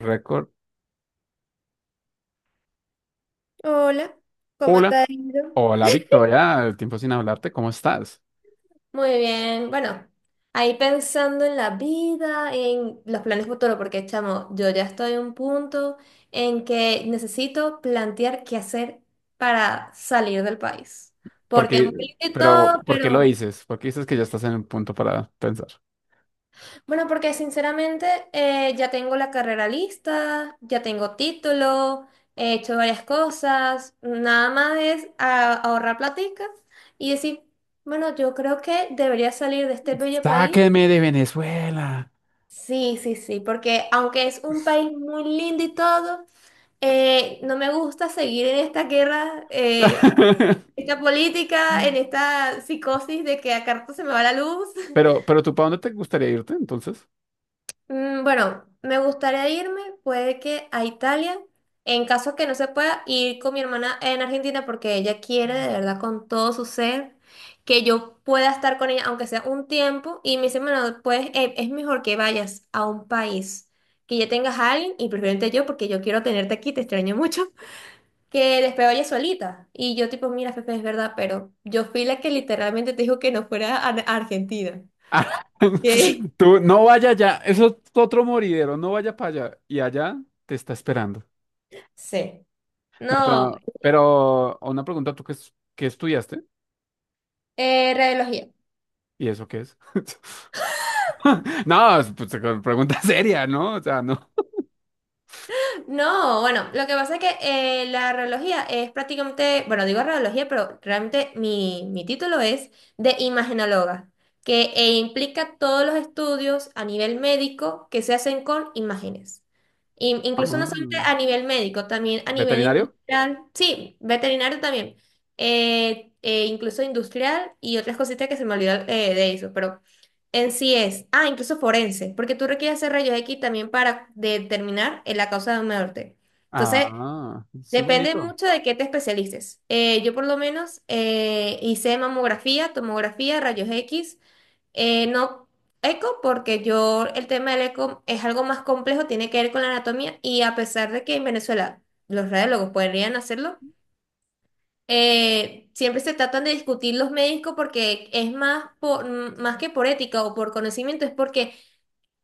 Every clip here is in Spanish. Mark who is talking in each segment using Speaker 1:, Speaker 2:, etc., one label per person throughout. Speaker 1: Record.
Speaker 2: Hola, ¿cómo te
Speaker 1: Hola,
Speaker 2: ha ido?
Speaker 1: hola Victoria, tiempo sin hablarte, ¿cómo estás?
Speaker 2: Muy bien, bueno, ahí pensando en la vida, en los planes futuros, porque chamo, yo ya estoy en un punto en que necesito plantear qué hacer para salir del país. Porque
Speaker 1: Porque,
Speaker 2: muy lindo y
Speaker 1: pero,
Speaker 2: todo,
Speaker 1: ¿por qué lo
Speaker 2: pero
Speaker 1: dices? ¿Por qué dices que ya estás en un punto para pensar?
Speaker 2: bueno, porque sinceramente, ya tengo la carrera lista, ya tengo título, he hecho varias cosas, nada más es ahorrar platica y decir, bueno, yo creo que debería salir de este bello país.
Speaker 1: ¡Sáqueme de Venezuela!
Speaker 2: Sí, sí, sí, porque aunque es un país muy lindo y todo, no me gusta seguir en esta guerra, esta política, en esta psicosis de que a carta se me va la luz.
Speaker 1: Pero, ¿tú para dónde te gustaría irte entonces?
Speaker 2: Bueno, me gustaría irme, puede que a Italia, en caso que no se pueda ir con mi hermana en Argentina porque ella quiere de verdad con todo su ser que yo pueda estar con ella aunque sea un tiempo y me dice, bueno, pues es mejor que vayas a un país que ya tengas a alguien y preferente yo porque yo quiero tenerte aquí, te extraño mucho, que después vayas solita. Y yo tipo, mira, Fefe, es verdad, pero yo fui la que literalmente te dijo que no fuera a Argentina.
Speaker 1: Ah,
Speaker 2: ¿Qué?
Speaker 1: tú no vaya allá, eso es otro moridero, no vaya para allá. Y allá te está esperando.
Speaker 2: Sí.
Speaker 1: No,
Speaker 2: No,
Speaker 1: pero una pregunta, ¿tú qué, qué estudiaste?
Speaker 2: radiología.
Speaker 1: ¿Y eso qué es? No, es, pues, pregunta seria, ¿no? O sea, no.
Speaker 2: No, bueno, lo que pasa es que la radiología es prácticamente, bueno, digo radiología, pero realmente mi título es de imagenóloga, que implica todos los estudios a nivel médico que se hacen con imágenes. Incluso
Speaker 1: Ah,
Speaker 2: no solamente a nivel médico, también a nivel
Speaker 1: ¿veterinario?
Speaker 2: industrial, sí, veterinario también, incluso industrial y otras cositas que se me olvidó de eso, pero en sí es, ah, incluso forense, porque tú requieres hacer rayos X también para determinar la causa de una muerte. Entonces,
Speaker 1: Ah, eso es
Speaker 2: depende
Speaker 1: bonito.
Speaker 2: mucho de qué te especialices. Yo por lo menos hice mamografía, tomografía, rayos X, no eco, porque yo el tema del eco es algo más complejo, tiene que ver con la anatomía y a pesar de que en Venezuela los radiólogos podrían hacerlo, siempre se tratan de discutir los médicos porque es más, por, más que por ética o por conocimiento, es porque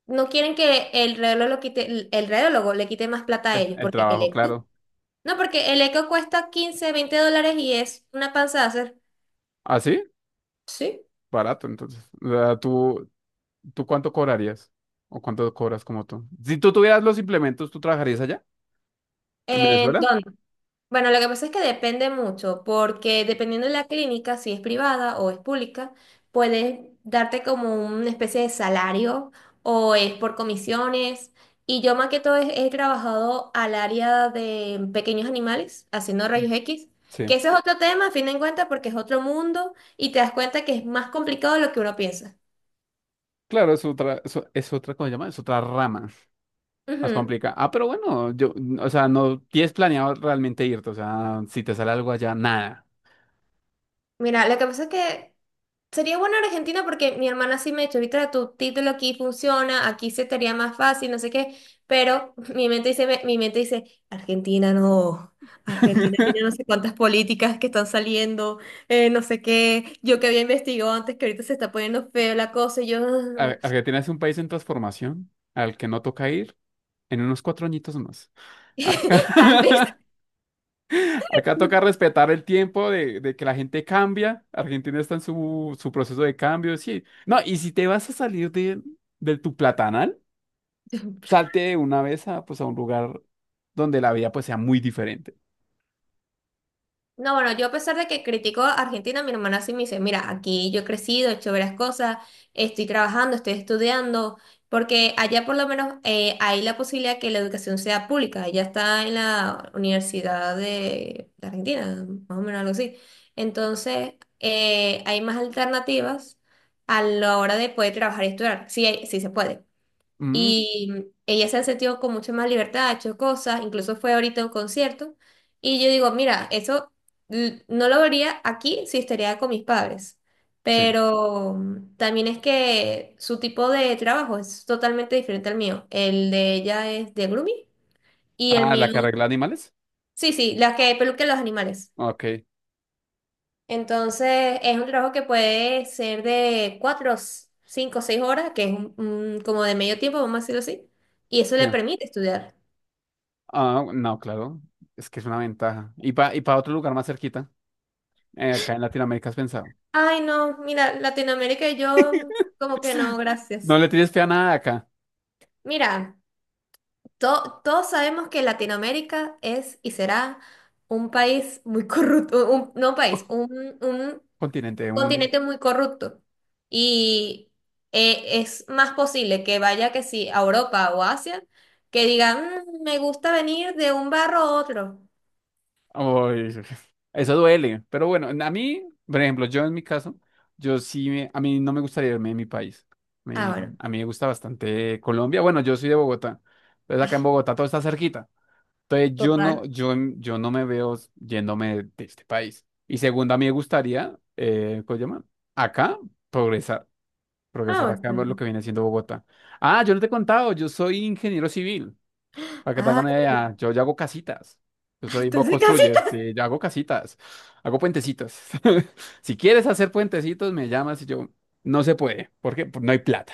Speaker 2: no quieren que el radiólogo, quite, el radiólogo le quite más plata a
Speaker 1: El,
Speaker 2: ellos,
Speaker 1: el
Speaker 2: porque el
Speaker 1: trabajo,
Speaker 2: eco,
Speaker 1: claro.
Speaker 2: no, porque el eco cuesta 15-20 dólares y es una panza de hacer.
Speaker 1: ¿Ah, sí?
Speaker 2: Sí.
Speaker 1: Barato, entonces. O sea, ¿tú cuánto cobrarías? ¿O cuánto cobras como tú? Si tú tuvieras los implementos, ¿tú trabajarías allá? ¿En
Speaker 2: ¿En
Speaker 1: Venezuela?
Speaker 2: dónde? Bueno, lo que pasa es que depende mucho, porque dependiendo de la clínica, si es privada o es pública, puedes darte como una especie de salario o es por comisiones. Y yo más que todo he trabajado al área de pequeños animales, haciendo rayos X,
Speaker 1: Sí.
Speaker 2: que ese es otro tema, a fin de cuentas, porque es otro mundo y te das cuenta que es más complicado de lo que uno piensa.
Speaker 1: Claro, es otra, es otra, ¿cómo se llama? Es otra rama. Más
Speaker 2: Ujú.
Speaker 1: complicada. Ah, pero bueno, o sea, no tienes planeado realmente irte. O sea, si te sale algo allá, nada.
Speaker 2: Mira, lo que pasa es que sería bueno Argentina porque mi hermana sí me ha dicho, Vitra, tu título aquí funciona, aquí se te haría más fácil, no sé qué, pero mi mente dice, Argentina no, Argentina tiene no sé cuántas políticas que están saliendo, no sé qué, yo que había investigado antes que ahorita se está poniendo feo la cosa, y yo,
Speaker 1: Argentina es un país en transformación al que no toca ir en unos 4 añitos más.
Speaker 2: tal vez.
Speaker 1: Acá, acá toca respetar el tiempo de que la gente cambia. Argentina está en su proceso de cambio, sí. No, y si te vas a salir de tu platanal, salte de una vez a, pues, a un lugar donde la vida pues, sea muy diferente.
Speaker 2: No, bueno, yo a pesar de que critico a Argentina, mi hermana sí me dice, mira, aquí yo he crecido, he hecho varias cosas, estoy trabajando, estoy estudiando, porque allá por lo menos hay la posibilidad que la educación sea pública, ella está en la Universidad de Argentina, más o menos algo así. Entonces, hay más alternativas a la hora de poder trabajar y estudiar, sí, sí se puede.
Speaker 1: Mm,
Speaker 2: Y ella se ha sentido con mucha más libertad, ha hecho cosas, incluso fue ahorita a un concierto. Y yo digo, mira, eso no lo vería aquí si estaría con mis padres.
Speaker 1: sí.
Speaker 2: Pero también es que su tipo de trabajo es totalmente diferente al mío. El de ella es de grooming y el
Speaker 1: Ah, la
Speaker 2: mío,
Speaker 1: que arregla animales.
Speaker 2: sí, sí, la que peluca los animales.
Speaker 1: Ok,
Speaker 2: Entonces es un trabajo que puede ser de 4, 5, 6 horas, que es como de medio tiempo, vamos a decirlo así. Y eso
Speaker 1: sí.
Speaker 2: le permite estudiar.
Speaker 1: Ah, no, claro. Es que es una ventaja. Y para y pa otro lugar más cerquita. Acá en Latinoamérica has pensado.
Speaker 2: Ay, no, mira, Latinoamérica y yo, como que no,
Speaker 1: No
Speaker 2: gracias.
Speaker 1: le tienes fe a nada acá,
Speaker 2: Mira, todos sabemos que Latinoamérica es y será un país muy corrupto, no un país, un
Speaker 1: continente uno.
Speaker 2: continente muy corrupto. Y es más posible que vaya que sí a Europa o Asia, que digan, "Mm, me gusta venir de un barro a otro."
Speaker 1: Ay, eso duele, pero bueno, a mí, por ejemplo, yo en mi caso, yo sí, a mí no me gustaría irme de mi país.
Speaker 2: Ah, bueno,
Speaker 1: A mí me gusta bastante Colombia. Bueno, yo soy de Bogotá, entonces acá en Bogotá todo está cerquita. Entonces yo no,
Speaker 2: total.
Speaker 1: yo no me veo yéndome de este país. Y segundo, a mí me gustaría, ¿cómo se llama? Acá, progresar,
Speaker 2: Ah,
Speaker 1: progresar
Speaker 2: bueno,
Speaker 1: acá,
Speaker 2: está
Speaker 1: ver lo
Speaker 2: bien.
Speaker 1: que viene siendo Bogotá. Ah, yo no te he contado, yo soy ingeniero civil. Para que te
Speaker 2: Ah,
Speaker 1: hagan una idea, yo hago casitas. Yo soy Bob
Speaker 2: entonces
Speaker 1: Construye,
Speaker 2: casi...
Speaker 1: sí, yo hago casitas, hago puentecitos. Si quieres hacer puentecitos, me llamas y yo, no se puede, porque pues, no hay plata.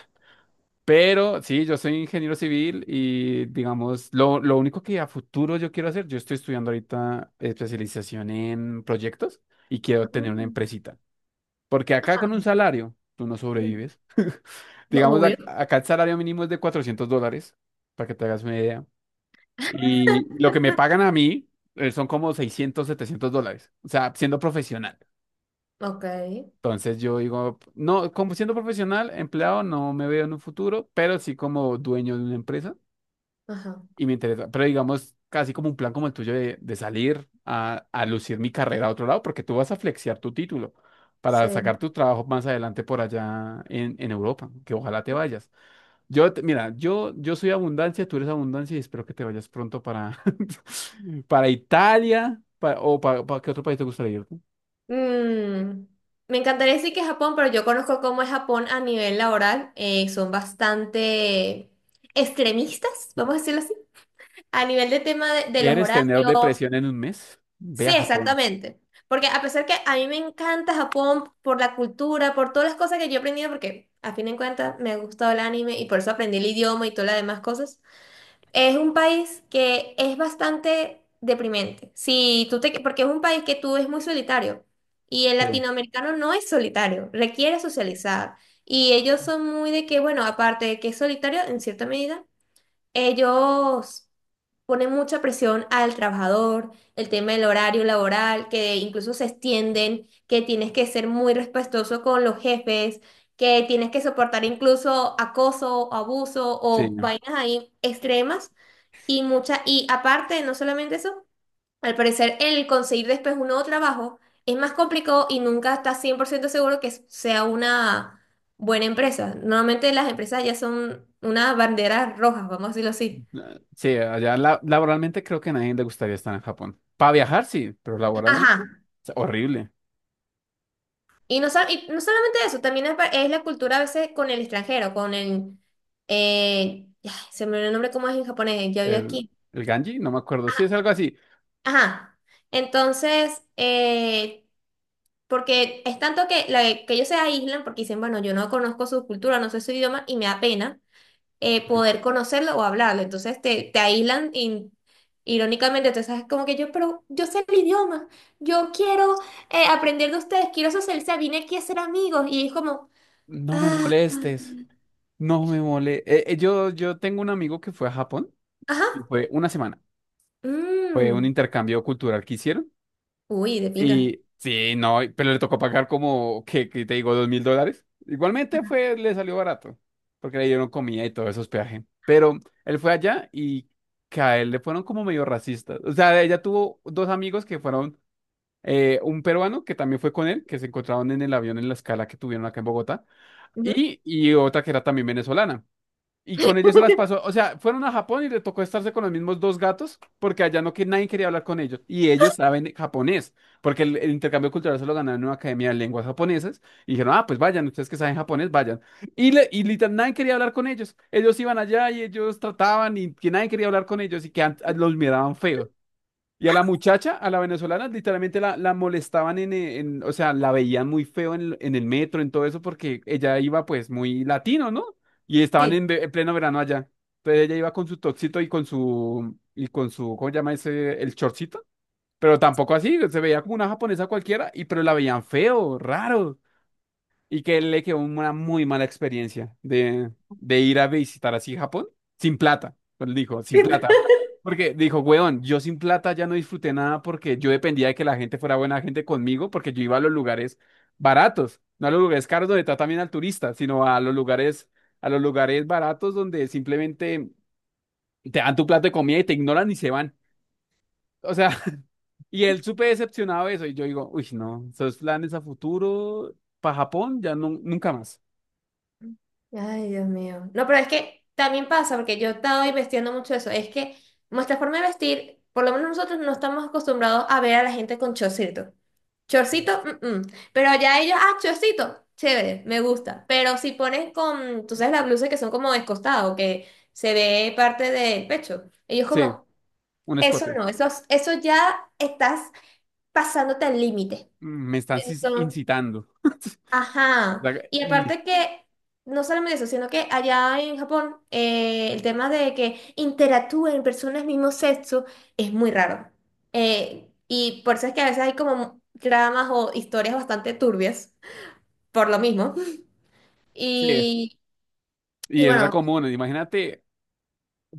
Speaker 1: Pero sí, yo soy ingeniero civil y digamos, lo único que a futuro yo quiero hacer, yo estoy estudiando ahorita especialización en proyectos y quiero tener una empresita. Porque acá con un salario, tú no sobrevives. Digamos,
Speaker 2: Obvio,
Speaker 1: acá el salario mínimo es de $400, para que te hagas una idea. Y lo que me pagan a mí son como 600, $700. O sea, siendo profesional.
Speaker 2: ok.
Speaker 1: Entonces yo digo, no, como siendo profesional, empleado, no me veo en un futuro, pero sí como dueño de una empresa
Speaker 2: Ajá,
Speaker 1: y me interesa. Pero digamos, casi como un plan como el tuyo de salir a lucir mi carrera a otro lado, porque tú vas a flexear tu título para
Speaker 2: sí.
Speaker 1: sacar tu trabajo más adelante por allá en Europa, que ojalá te vayas. Mira, yo soy abundancia, tú eres abundancia y espero que te vayas pronto para, para Italia o para qué otro país te gustaría ir.
Speaker 2: Mm, Me encantaría decir que Japón, pero yo conozco cómo es Japón a nivel laboral. Son bastante extremistas, vamos a decirlo así, a nivel de tema de los
Speaker 1: ¿Quieres tener
Speaker 2: horarios.
Speaker 1: depresión en un mes? Ve
Speaker 2: Sí,
Speaker 1: a Japón.
Speaker 2: exactamente. Porque a pesar que a mí me encanta Japón por la cultura, por todas las cosas que yo he aprendido, porque a fin de cuentas me ha gustado el anime y por eso aprendí el idioma y todas las demás cosas, es un país que es bastante deprimente. Si tú te, porque es un país que tú es muy solitario y el
Speaker 1: Sí,
Speaker 2: latinoamericano no es solitario, requiere socializar. Y ellos son muy de que, bueno, aparte de que es solitario en cierta medida, ellos pone mucha presión al trabajador, el tema del horario laboral, que incluso se extienden, que tienes que ser muy respetuoso con los jefes, que tienes que soportar incluso acoso, abuso
Speaker 1: sí,
Speaker 2: o vainas ahí extremas y mucha y aparte, no solamente eso, al parecer el conseguir después un nuevo trabajo es más complicado y nunca estás 100% seguro que sea una buena empresa. Normalmente las empresas ya son una bandera roja, vamos a decirlo así.
Speaker 1: ah, sí, allá laboralmente creo que a nadie le gustaría estar en Japón. Para viajar, sí, pero
Speaker 2: Ajá.
Speaker 1: laboralmente es horrible.
Speaker 2: Y no, y no solamente eso, también es, es la cultura a veces con el extranjero, con el... ay, se me olvidó el nombre cómo es en japonés, ya vi
Speaker 1: El,
Speaker 2: aquí.
Speaker 1: el Ganji, no me acuerdo, sí es algo así.
Speaker 2: Ajá. Entonces, porque es tanto que, que ellos se aíslan porque dicen, bueno, yo no conozco su cultura, no sé su idioma y me da pena poder conocerlo o hablarlo. Entonces te aíslan y, irónicamente, entonces es como que yo, pero yo sé el idioma, yo quiero aprender de ustedes, quiero socializar, vine aquí a ser amigos y es como...
Speaker 1: No me molestes, no me molestes. Yo tengo un amigo que fue a Japón
Speaker 2: Ajá.
Speaker 1: y fue una semana. Fue un
Speaker 2: Mm.
Speaker 1: intercambio cultural que hicieron.
Speaker 2: Uy, de pinga.
Speaker 1: Y sí, no, pero le tocó pagar como, ¿qué te digo? $2.000. Igualmente fue, le salió barato, porque le dieron comida y todo eso, hospedaje. Pero él fue allá y que a él le fueron como medio racistas. O sea, ella tuvo dos amigos que fueron, un peruano que también fue con él, que se encontraron en el avión en la escala que tuvieron acá en Bogotá,
Speaker 2: Ujú.
Speaker 1: y otra que era también venezolana. Y con ellos se las pasó. O sea, fueron a Japón y le tocó estarse con los mismos dos gatos porque allá no que nadie quería hablar con ellos. Y ellos saben japonés, porque el intercambio cultural se lo ganaron en una academia de lenguas japonesas. Y dijeron, ah, pues vayan, ustedes que saben japonés, vayan. Y, y literal, nadie quería hablar con ellos. Ellos iban allá y ellos trataban y que nadie quería hablar con ellos y que los miraban feos. Y a la muchacha, a la venezolana, literalmente la molestaban o sea, la veían muy feo en el metro, en todo eso, porque ella iba pues muy latino, ¿no? Y estaban
Speaker 2: Sí.
Speaker 1: en pleno verano allá. Entonces ella iba con su toxito y con su, ¿cómo se llama ese? El chorcito. Pero tampoco así, se veía como una japonesa cualquiera, y pero la veían feo, raro. Y que le quedó una muy mala experiencia de ir a visitar así Japón sin plata. Pero él dijo, sin plata. Porque dijo, weón, yo sin plata ya no disfruté nada porque yo dependía de que la gente fuera buena gente conmigo porque yo iba a los lugares baratos, no a los lugares caros donde tratan bien al turista, sino a los lugares baratos donde simplemente te dan tu plato de comida y te ignoran y se van. O sea, y él súper decepcionado de eso. Y yo digo, uy, no, esos planes a futuro para Japón ya no, nunca más.
Speaker 2: Ay, Dios mío. No, pero es que también pasa, porque yo estaba investigando mucho eso, es que nuestra forma de vestir, por lo menos nosotros no estamos acostumbrados a ver a la gente con chorcito.
Speaker 1: Sí.
Speaker 2: Chorcito, mm, mm. Pero ya ellos, ah, chorcito, chévere, me gusta. Pero si pones con, tú sabes, las blusas que son como descostado, que se ve parte del pecho, ellos
Speaker 1: Sí,
Speaker 2: como,
Speaker 1: un
Speaker 2: eso
Speaker 1: escote.
Speaker 2: no, eso ya estás pasándote al límite.
Speaker 1: Me están
Speaker 2: Entonces,
Speaker 1: incitando.
Speaker 2: ajá, y
Speaker 1: Y
Speaker 2: aparte que, no solamente eso, sino que allá en Japón el tema de que interactúen personas mismo sexo es muy raro. Y por eso es que a veces hay como dramas o historias bastante turbias, por lo mismo.
Speaker 1: sí,
Speaker 2: Y, y
Speaker 1: y es re
Speaker 2: bueno,
Speaker 1: común. Imagínate,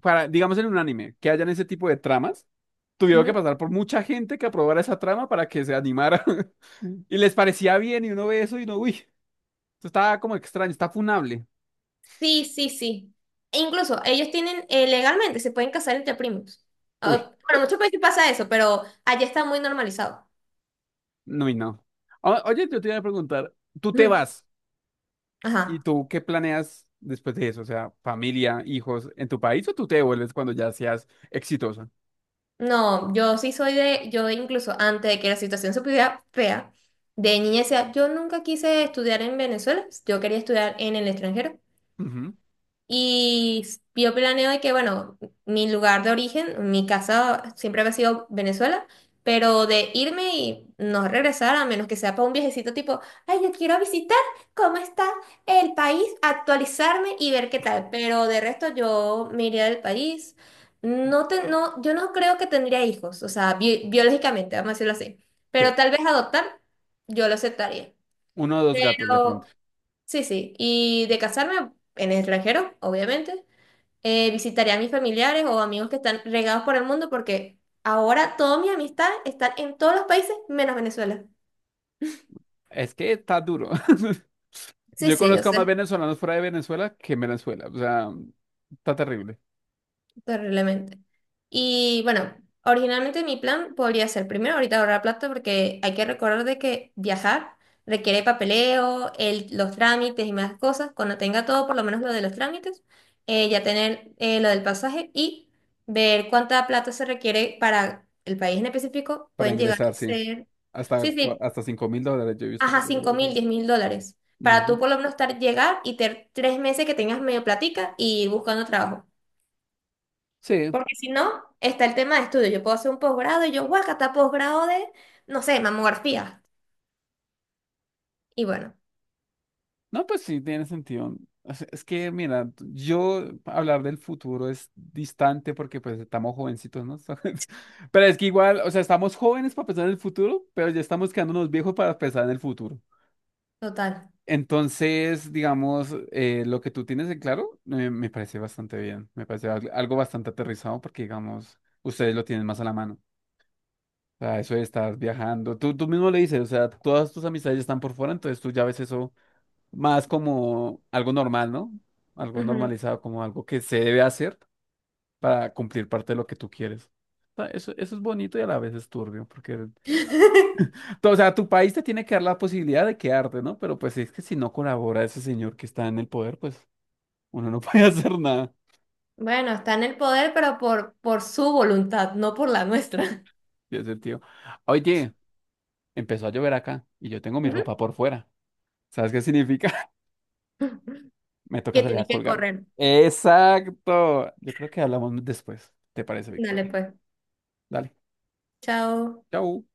Speaker 1: para, digamos en un anime, que hayan ese tipo de tramas, tuvieron que
Speaker 2: ujú.
Speaker 1: pasar por mucha gente que aprobara esa trama para que se animara. Y les parecía bien, y uno ve eso y no, uy, esto está como extraño, está funable.
Speaker 2: Sí, sí, sí. E incluso ellos tienen, legalmente, se pueden casar entre primos. Ah,
Speaker 1: Uy,
Speaker 2: bueno, en muchos países pasa eso, pero allá está muy normalizado.
Speaker 1: no y no. Oye, yo te iba a preguntar, ¿tú te
Speaker 2: Ujú.
Speaker 1: vas? ¿Y
Speaker 2: Ajá.
Speaker 1: tú qué planeas después de eso? O sea, familia, hijos, ¿en tu país o tú te vuelves cuando ya seas exitosa?
Speaker 2: No, yo sí soy de, yo incluso antes de que la situación se pudiera fea, de niña decía, yo nunca quise estudiar en Venezuela, yo quería estudiar en el extranjero.
Speaker 1: Ujú,
Speaker 2: Y yo planeo de que, bueno, mi lugar de origen, mi casa siempre había sido Venezuela, pero de irme y no regresar, a menos que sea para un viajecito tipo, ay, yo quiero visitar cómo está el país, actualizarme y ver qué tal. Pero de resto yo me iría del país. No te, no, yo no creo que tendría hijos, o sea, biológicamente, vamos a decirlo así.
Speaker 1: sí.
Speaker 2: Pero tal vez adoptar, yo lo aceptaría.
Speaker 1: Uno o dos gatos de pronto.
Speaker 2: Pero sí, sí. Y de casarme en el extranjero, obviamente. Visitaré a mis familiares o amigos que están regados por el mundo porque ahora toda mi amistad está en todos los países menos Venezuela.
Speaker 1: Es que está duro.
Speaker 2: Sí,
Speaker 1: Yo
Speaker 2: sí, yo
Speaker 1: conozco a más
Speaker 2: sé,
Speaker 1: venezolanos fuera de Venezuela que en Venezuela. O sea, está terrible.
Speaker 2: terriblemente. Y bueno, originalmente mi plan podría ser primero ahorita ahorrar plata porque hay que recordar de que viajar requiere papeleo, los trámites y más cosas. Cuando tenga todo, por lo menos lo de los trámites, ya tener lo del pasaje y ver cuánta plata se requiere para el país en específico,
Speaker 1: Para
Speaker 2: pueden llegar
Speaker 1: ingresar,
Speaker 2: a
Speaker 1: sí.
Speaker 2: ser... Sí, sí,
Speaker 1: Hasta $5.000 yo he visto. Que
Speaker 2: ajá,
Speaker 1: sale de
Speaker 2: cinco mil,
Speaker 1: Venezuela.
Speaker 2: diez mil dólares. Para
Speaker 1: Ujú.
Speaker 2: tú por lo menos estar, llegar y tener 3 meses que tengas medio platica y ir buscando trabajo.
Speaker 1: Sí.
Speaker 2: Porque si no, está el tema de estudio. Yo puedo hacer un posgrado y yo, está posgrado de, no sé, mamografía. Y bueno,
Speaker 1: No, pues sí, tiene sentido. O sea, es que, mira, yo hablar del futuro es distante porque pues estamos jovencitos, ¿no? Pero es que igual, o sea, estamos jóvenes para pensar en el futuro, pero ya estamos quedándonos viejos para pensar en el futuro.
Speaker 2: total.
Speaker 1: Entonces, digamos, lo que tú tienes en claro, me parece bastante bien, me parece algo bastante aterrizado porque, digamos, ustedes lo tienen más a la mano. O sea, eso de estar viajando, tú mismo le dices, o sea, todas tus amistades están por fuera, entonces tú ya ves eso más como algo normal, ¿no? Algo
Speaker 2: Ujú.
Speaker 1: normalizado, como algo que se debe hacer para cumplir parte de lo que tú quieres. O sea, eso es bonito y a la vez es turbio, porque, o sea, tu país te tiene que dar la posibilidad de quedarte, ¿no? Pero pues es que si no colabora ese señor que está en el poder, pues... Uno no puede hacer nada.
Speaker 2: Bueno, está en el poder, pero por su voluntad, no por la nuestra.
Speaker 1: Y ese tío. Oye, empezó a llover acá y yo tengo mi ropa
Speaker 2: Ujú.
Speaker 1: por fuera. ¿Sabes qué significa? Me toca
Speaker 2: Que
Speaker 1: salir a
Speaker 2: tienes que
Speaker 1: colgar.
Speaker 2: correr.
Speaker 1: Exacto. Yo creo que hablamos después. ¿Te parece, Víctor?
Speaker 2: Dale, pues.
Speaker 1: Dale.
Speaker 2: Chao.
Speaker 1: Chau.